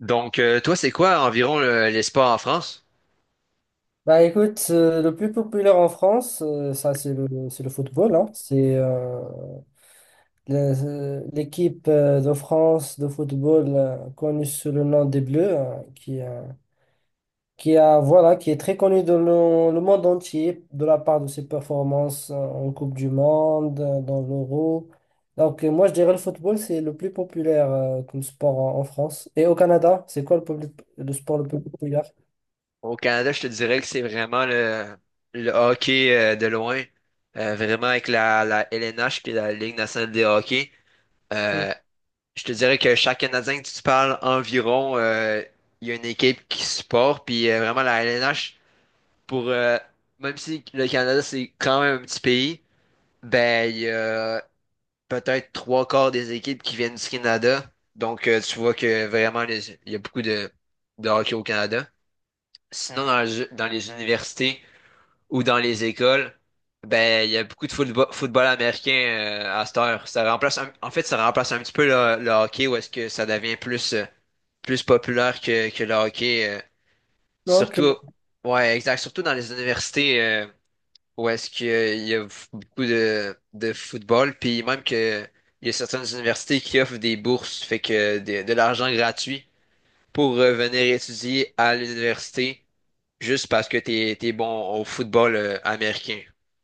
Donc, toi, c'est quoi environ les sports en France? Bah écoute, le plus populaire en France, c'est le football, c'est l'équipe de France de football, connue sous le nom des Bleus, qui a, voilà, qui est très connue dans le monde entier de la part de ses performances en Coupe du Monde, dans l'Euro. Moi, je dirais le football, c'est le plus populaire comme sport en France. Et au Canada, c'est quoi le sport le plus populaire? Au Canada, je te dirais que c'est vraiment le hockey de loin. Vraiment avec la LNH, qui est la Ligue nationale des hockey. Hmm. Euh, je te dirais que chaque Canadien que tu parles environ, il y a une équipe qui supporte, puis vraiment la LNH, pour, euh, même si le Canada, c'est quand même un petit pays, ben, il y a peut-être trois quarts des équipes qui viennent du Canada. Donc, tu vois que vraiment, il y a beaucoup de hockey au Canada. Sinon, dans les universités ou dans les écoles, ben, il y a beaucoup de football, football américain à cette heure. En fait, ça remplace un petit peu le hockey où est-ce que ça devient plus, plus populaire que le hockey. Ok. surtout, ouais, exact. Surtout dans les universités. Où est-ce qu'il y a beaucoup de football, puis même que il y a certaines universités qui offrent des bourses, fait que de l'argent gratuit pour venir étudier à l'université juste parce que t'es bon au football américain.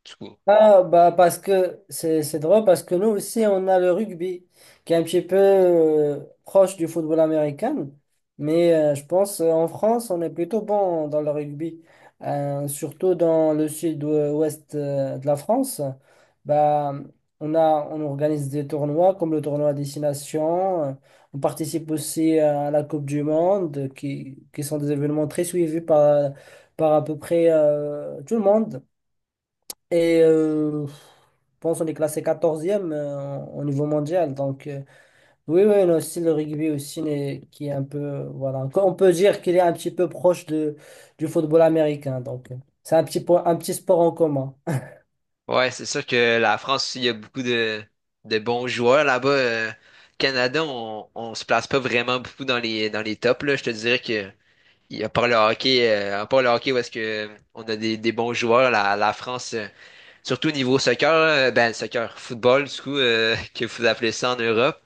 Du coup. Ah, bah, parce que c'est drôle, parce que nous aussi, on a le rugby, qui est un petit peu proche du football américain. Mais je pense en France, on est plutôt bon dans le rugby, surtout dans le sud-ouest de la France. Bah, on organise des tournois comme le tournoi à destination. On participe aussi à la Coupe du Monde, qui sont des événements très suivis par à peu près tout le monde. Et je pense qu'on est classé 14e au niveau mondial. Donc, oui, oui, on a aussi le rugby aussi, mais qui est un peu, voilà. On peut dire qu'il est un petit peu proche du football américain. Donc, c'est un petit sport en commun. Ouais, c'est sûr que la France, il y a beaucoup de bons joueurs là-bas. Canada, on se place pas vraiment beaucoup dans les tops, là. Je te dirais que il y a pas le hockey, à part le hockey où est-ce que on a des bons joueurs, la France. Surtout niveau soccer, là, ben soccer, football, du coup, que vous appelez ça en Europe,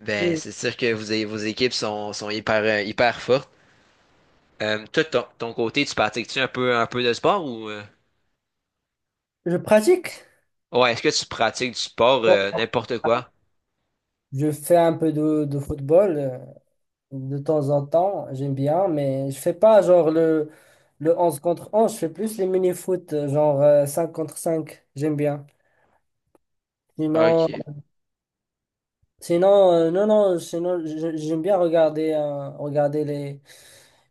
ben Mm. c'est sûr que vos équipes sont hyper, hyper fortes. Toi, de ton côté, tu pratiques-tu un peu de sport ou? Je pratique. Ouais, est-ce que tu pratiques du sport, Bon, n'importe quoi? je fais un peu de football de temps en temps. J'aime bien, mais je fais pas genre le 11 contre 11. Je fais plus les mini-foot, 5 contre cinq. J'aime bien. Ah, Sinon, OK. Sinon, non, non, sinon, j'aime bien regarder, regarder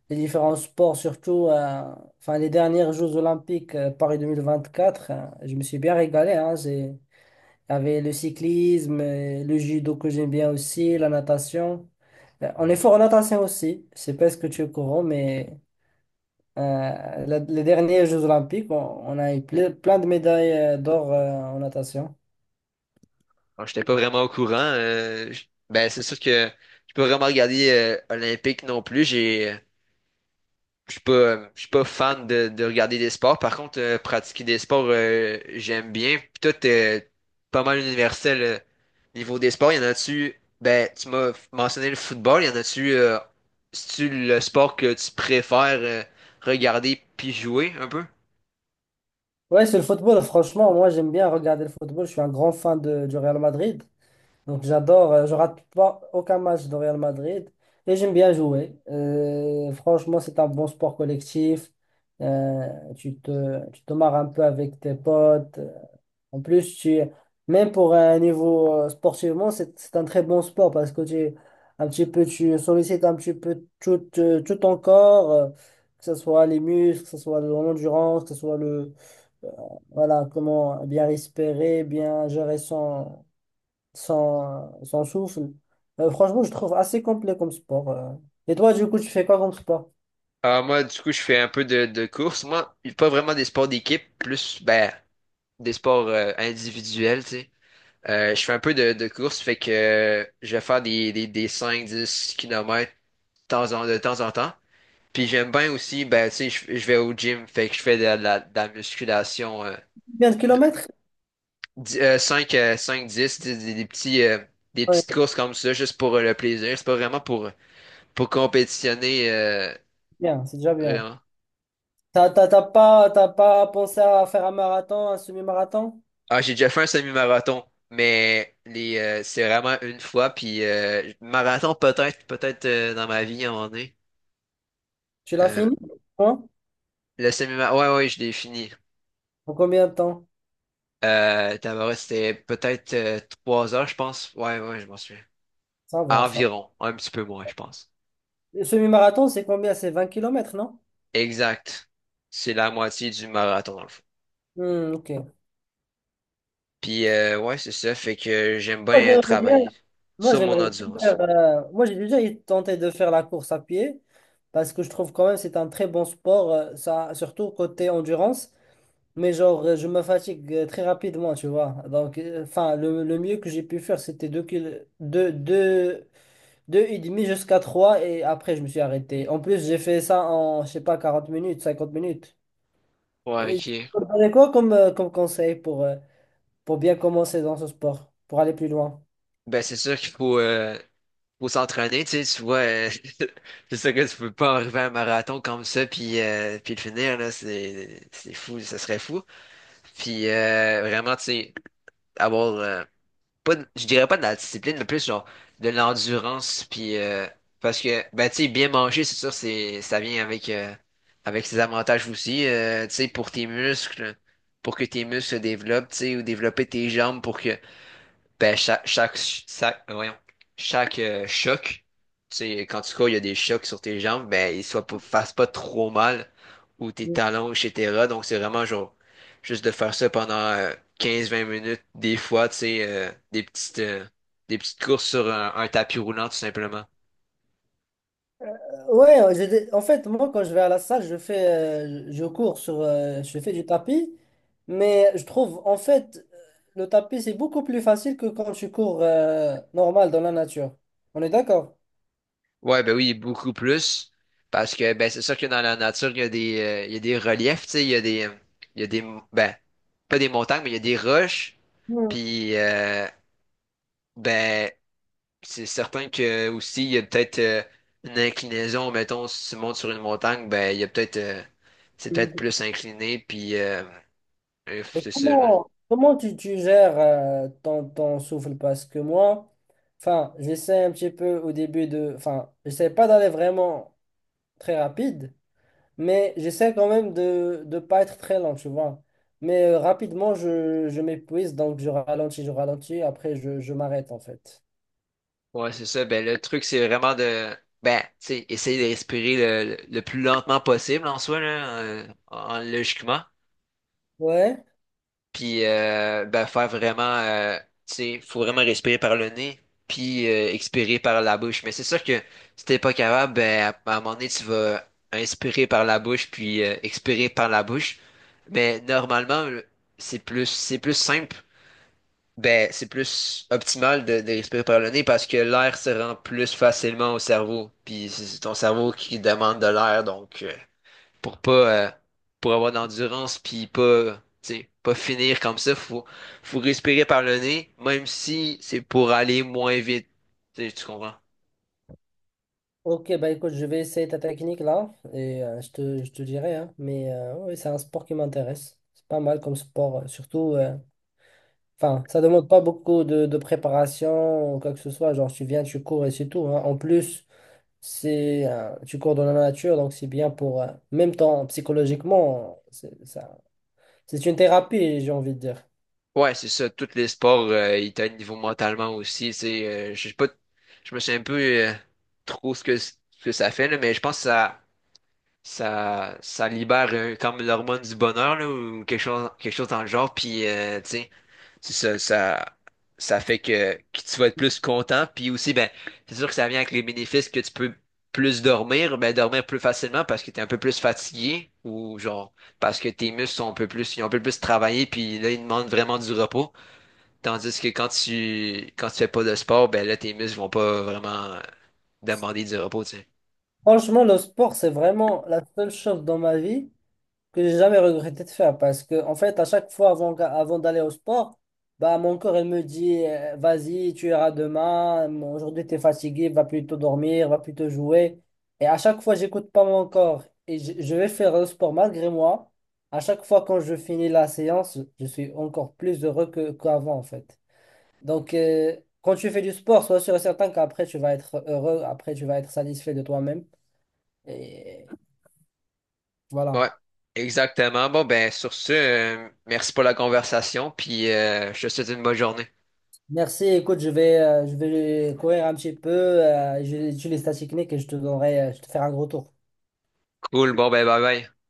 les différents sports, surtout enfin, les dernières Jeux Olympiques Paris 2024. Je me suis bien régalé. Hein, il y avait le cyclisme, le judo que j'aime bien aussi, la natation. On est fort en natation aussi. Je sais pas ce que tu es au courant, mais euh, les derniers Jeux Olympiques, on a eu plein de médailles d'or en natation. Bon, j'étais pas vraiment au courant. Ben c'est sûr que je peux vraiment regarder Olympique non plus. J'ai je suis pas fan de regarder des sports. Par contre, pratiquer des sports, j'aime bien. Puis toi, t'es pas mal universel niveau des sports. Il y en a-tu, ben, tu m'as mentionné le football. Il y en a-tu, c'est-tu le sport que tu préfères regarder puis jouer un peu? Ouais, c'est le football. Franchement, moi, j'aime bien regarder le football. Je suis un grand fan du Real Madrid. Donc, j'adore. Je rate pas aucun match de Real Madrid. Et j'aime bien jouer. Franchement, c'est un bon sport collectif. Tu te marres un peu avec tes potes. En plus, même pour un niveau sportivement, c'est un très bon sport parce que un petit peu, tu sollicites un petit peu tout, tout ton corps, que ce soit les muscles, que ce soit l'endurance, que ce soit euh, voilà, comment bien respirer, bien gérer son souffle. Franchement, je trouve assez complet comme sport. Et toi, du coup, tu fais quoi comme sport? Ah, moi, du coup, je fais un peu de course. Moi, pas vraiment des sports d'équipe, plus ben, des sports individuels, tu sais. Je fais un peu de course, fait que je vais faire des cinq dix km de temps en temps. Puis j'aime bien aussi, ben, tu sais, je vais au gym, fait que je fais de la musculation Bien de kilomètres? 5, 5, 10, des petits, des Ouais, petites c'est courses comme ça, juste pour le plaisir. C'est pas vraiment pour compétitionner, bien, c'est déjà bien. vraiment. T'as pas pensé à faire un marathon, un semi-marathon? Ah, j'ai déjà fait un semi-marathon, c'est vraiment une fois, puis marathon peut-être dans ma vie à un moment donné. Tu l'as Euh, fini? Hein. le semi-marathon, ouais, ouais, ouais, je l'ai fini. En combien de temps? Tabarouette, c'était peut-être 3 heures, je pense. Ouais, ouais, je m'en souviens. Ça va, ça. Environ, un petit peu moins, je pense. Le semi-marathon, c'est combien? C'est 20 kilomètres, non? Exact. C'est la moitié du marathon, dans le fond. Hmm, ok. Puis, ouais, c'est ça, fait que j'aime Moi, bien j'aimerais bien travailler moi, sur mon j'aimerais bien endurance. faire, j'ai déjà tenté de faire la course à pied parce que je trouve quand même c'est un très bon sport, ça, surtout côté endurance. Mais genre, je me fatigue très rapidement, tu vois. Donc, enfin, le mieux que j'ai pu faire, c'était 2 kil deux deux- deux et demi jusqu'à trois, et après, je me suis arrêté. En plus, j'ai fait ça je sais pas, 40 minutes, 50 minutes. Ouais, Tu OK. me donnerais quoi comme conseil pour bien commencer dans ce sport, pour aller plus loin? Ben, c'est sûr faut s'entraîner, tu sais, tu vois, c'est sûr que tu peux pas arriver à un marathon comme ça, puis le finir, là, c'est fou, ça serait fou. Puis, vraiment, tu sais, avoir, pas de- je dirais pas de la discipline, mais plus genre de l'endurance puis parce que ben tu sais bien manger c'est sûr c'est ça vient avec avec ses avantages aussi tu sais pour tes muscles pour que tes muscles se développent tu sais ou développer tes jambes pour que ben, chaque choc, tu sais, quand tu cours, il y a des chocs sur tes jambes, ben, ils soient pas, fassent pas trop mal, ou tes Euh, talons, etc. Donc, c'est vraiment genre, juste de faire ça pendant 15-20 minutes, des fois, tu sais, des petites courses sur un tapis roulant, tout simplement. Ouais, en fait, moi, quand je vais à la salle, je cours je fais du tapis, mais je trouve, en fait, le tapis, c'est beaucoup plus facile que quand tu cours, normal dans la nature. On est d'accord? Ouais, ben oui, beaucoup plus, parce que, ben, c'est sûr que dans la nature, il y a des reliefs, tu sais, il y a des, il y a des, ben, pas des montagnes, mais il y a des roches, Hmm. puis, ben, c'est certain que aussi, il y a peut-être une inclinaison, mettons, si tu montes sur une montagne, ben il y a peut-être c'est peut-être plus incliné, puis Et c'est ça, là. Comment tu gères ton souffle? Parce que moi, enfin, j'essaie un petit peu au début j'essaie pas d'aller vraiment. Très rapide, mais j'essaie quand même de ne pas être très lent, tu vois. Mais rapidement, je m'épuise, donc je ralentis, après je m'arrête en fait. Ouais, c'est ça. Ben le truc, c'est vraiment tu sais, essayer de respirer le plus lentement possible en soi, là, logiquement. Ouais, Puis ben, faire vraiment, tu sais, faut vraiment respirer par le nez, puis expirer par la bouche. Mais c'est sûr que si t'es pas capable, ben, à un moment donné, tu vas inspirer par la bouche, puis expirer par la bouche. Mais normalement, c'est plus simple. Ben, c'est plus optimal de respirer par le nez parce que l'air se rend plus facilement au cerveau. Puis c'est ton cerveau qui demande de l'air, pour pas pour avoir d'endurance puis pas tu sais, pas finir comme ça, faut respirer par le nez même si c'est pour aller moins vite, tu sais, tu comprends. ok, bah écoute, je vais essayer ta technique là, et je te dirai, hein. Mais oui, c'est un sport qui m'intéresse. C'est pas mal comme sport, enfin, ça demande pas beaucoup de préparation ou quoi que ce soit, genre tu viens, tu cours et c'est tout, hein. En plus, tu cours dans la nature, donc c'est bien même temps psychologiquement, c'est ça, c'est une thérapie, j'ai envie de dire. Ouais, c'est ça, tous les sports ils t'aident niveau mentalement aussi, tu sais. Je sais pas, je me suis un peu trop ce que ça fait là, mais je pense que ça libère comme l'hormone du bonheur là, ou quelque chose dans le genre. Puis, tu sais, c'est ça, ça fait que tu vas être plus content. Puis aussi, ben, c'est sûr que ça vient avec les bénéfices que tu peux dormir plus facilement parce que tu es un peu plus fatigué ou genre parce que tes muscles sont un peu plus, ils ont un peu plus travaillé. Puis là, ils demandent vraiment du repos. Tandis que quand tu fais pas de sport, ben là, tes muscles vont pas vraiment demander du repos, tu sais. Franchement, le sport, c'est vraiment la seule chose dans ma vie que j'ai jamais regretté de faire, parce que en fait à chaque fois avant d'aller au sport, bah mon corps il me dit, vas-y, tu iras demain, bon, aujourd'hui tu es fatigué, va plutôt dormir, va plutôt jouer, et à chaque fois j'écoute pas mon corps, et je vais faire le sport malgré moi, à chaque fois quand je finis la séance je suis encore plus heureux qu'avant en fait. donc euh, Quand tu fais du sport, sois sûr et certain qu'après tu vas être heureux, après tu vas être satisfait de toi-même, et voilà. Ouais, exactement. Bon, ben, sur ce, merci pour la conversation, puis je te souhaite une bonne journée. Merci. Écoute, je vais courir un petit peu, je vais étudier les stats techniques et je te ferai un gros tour. Cool, bon, ben, bye bye.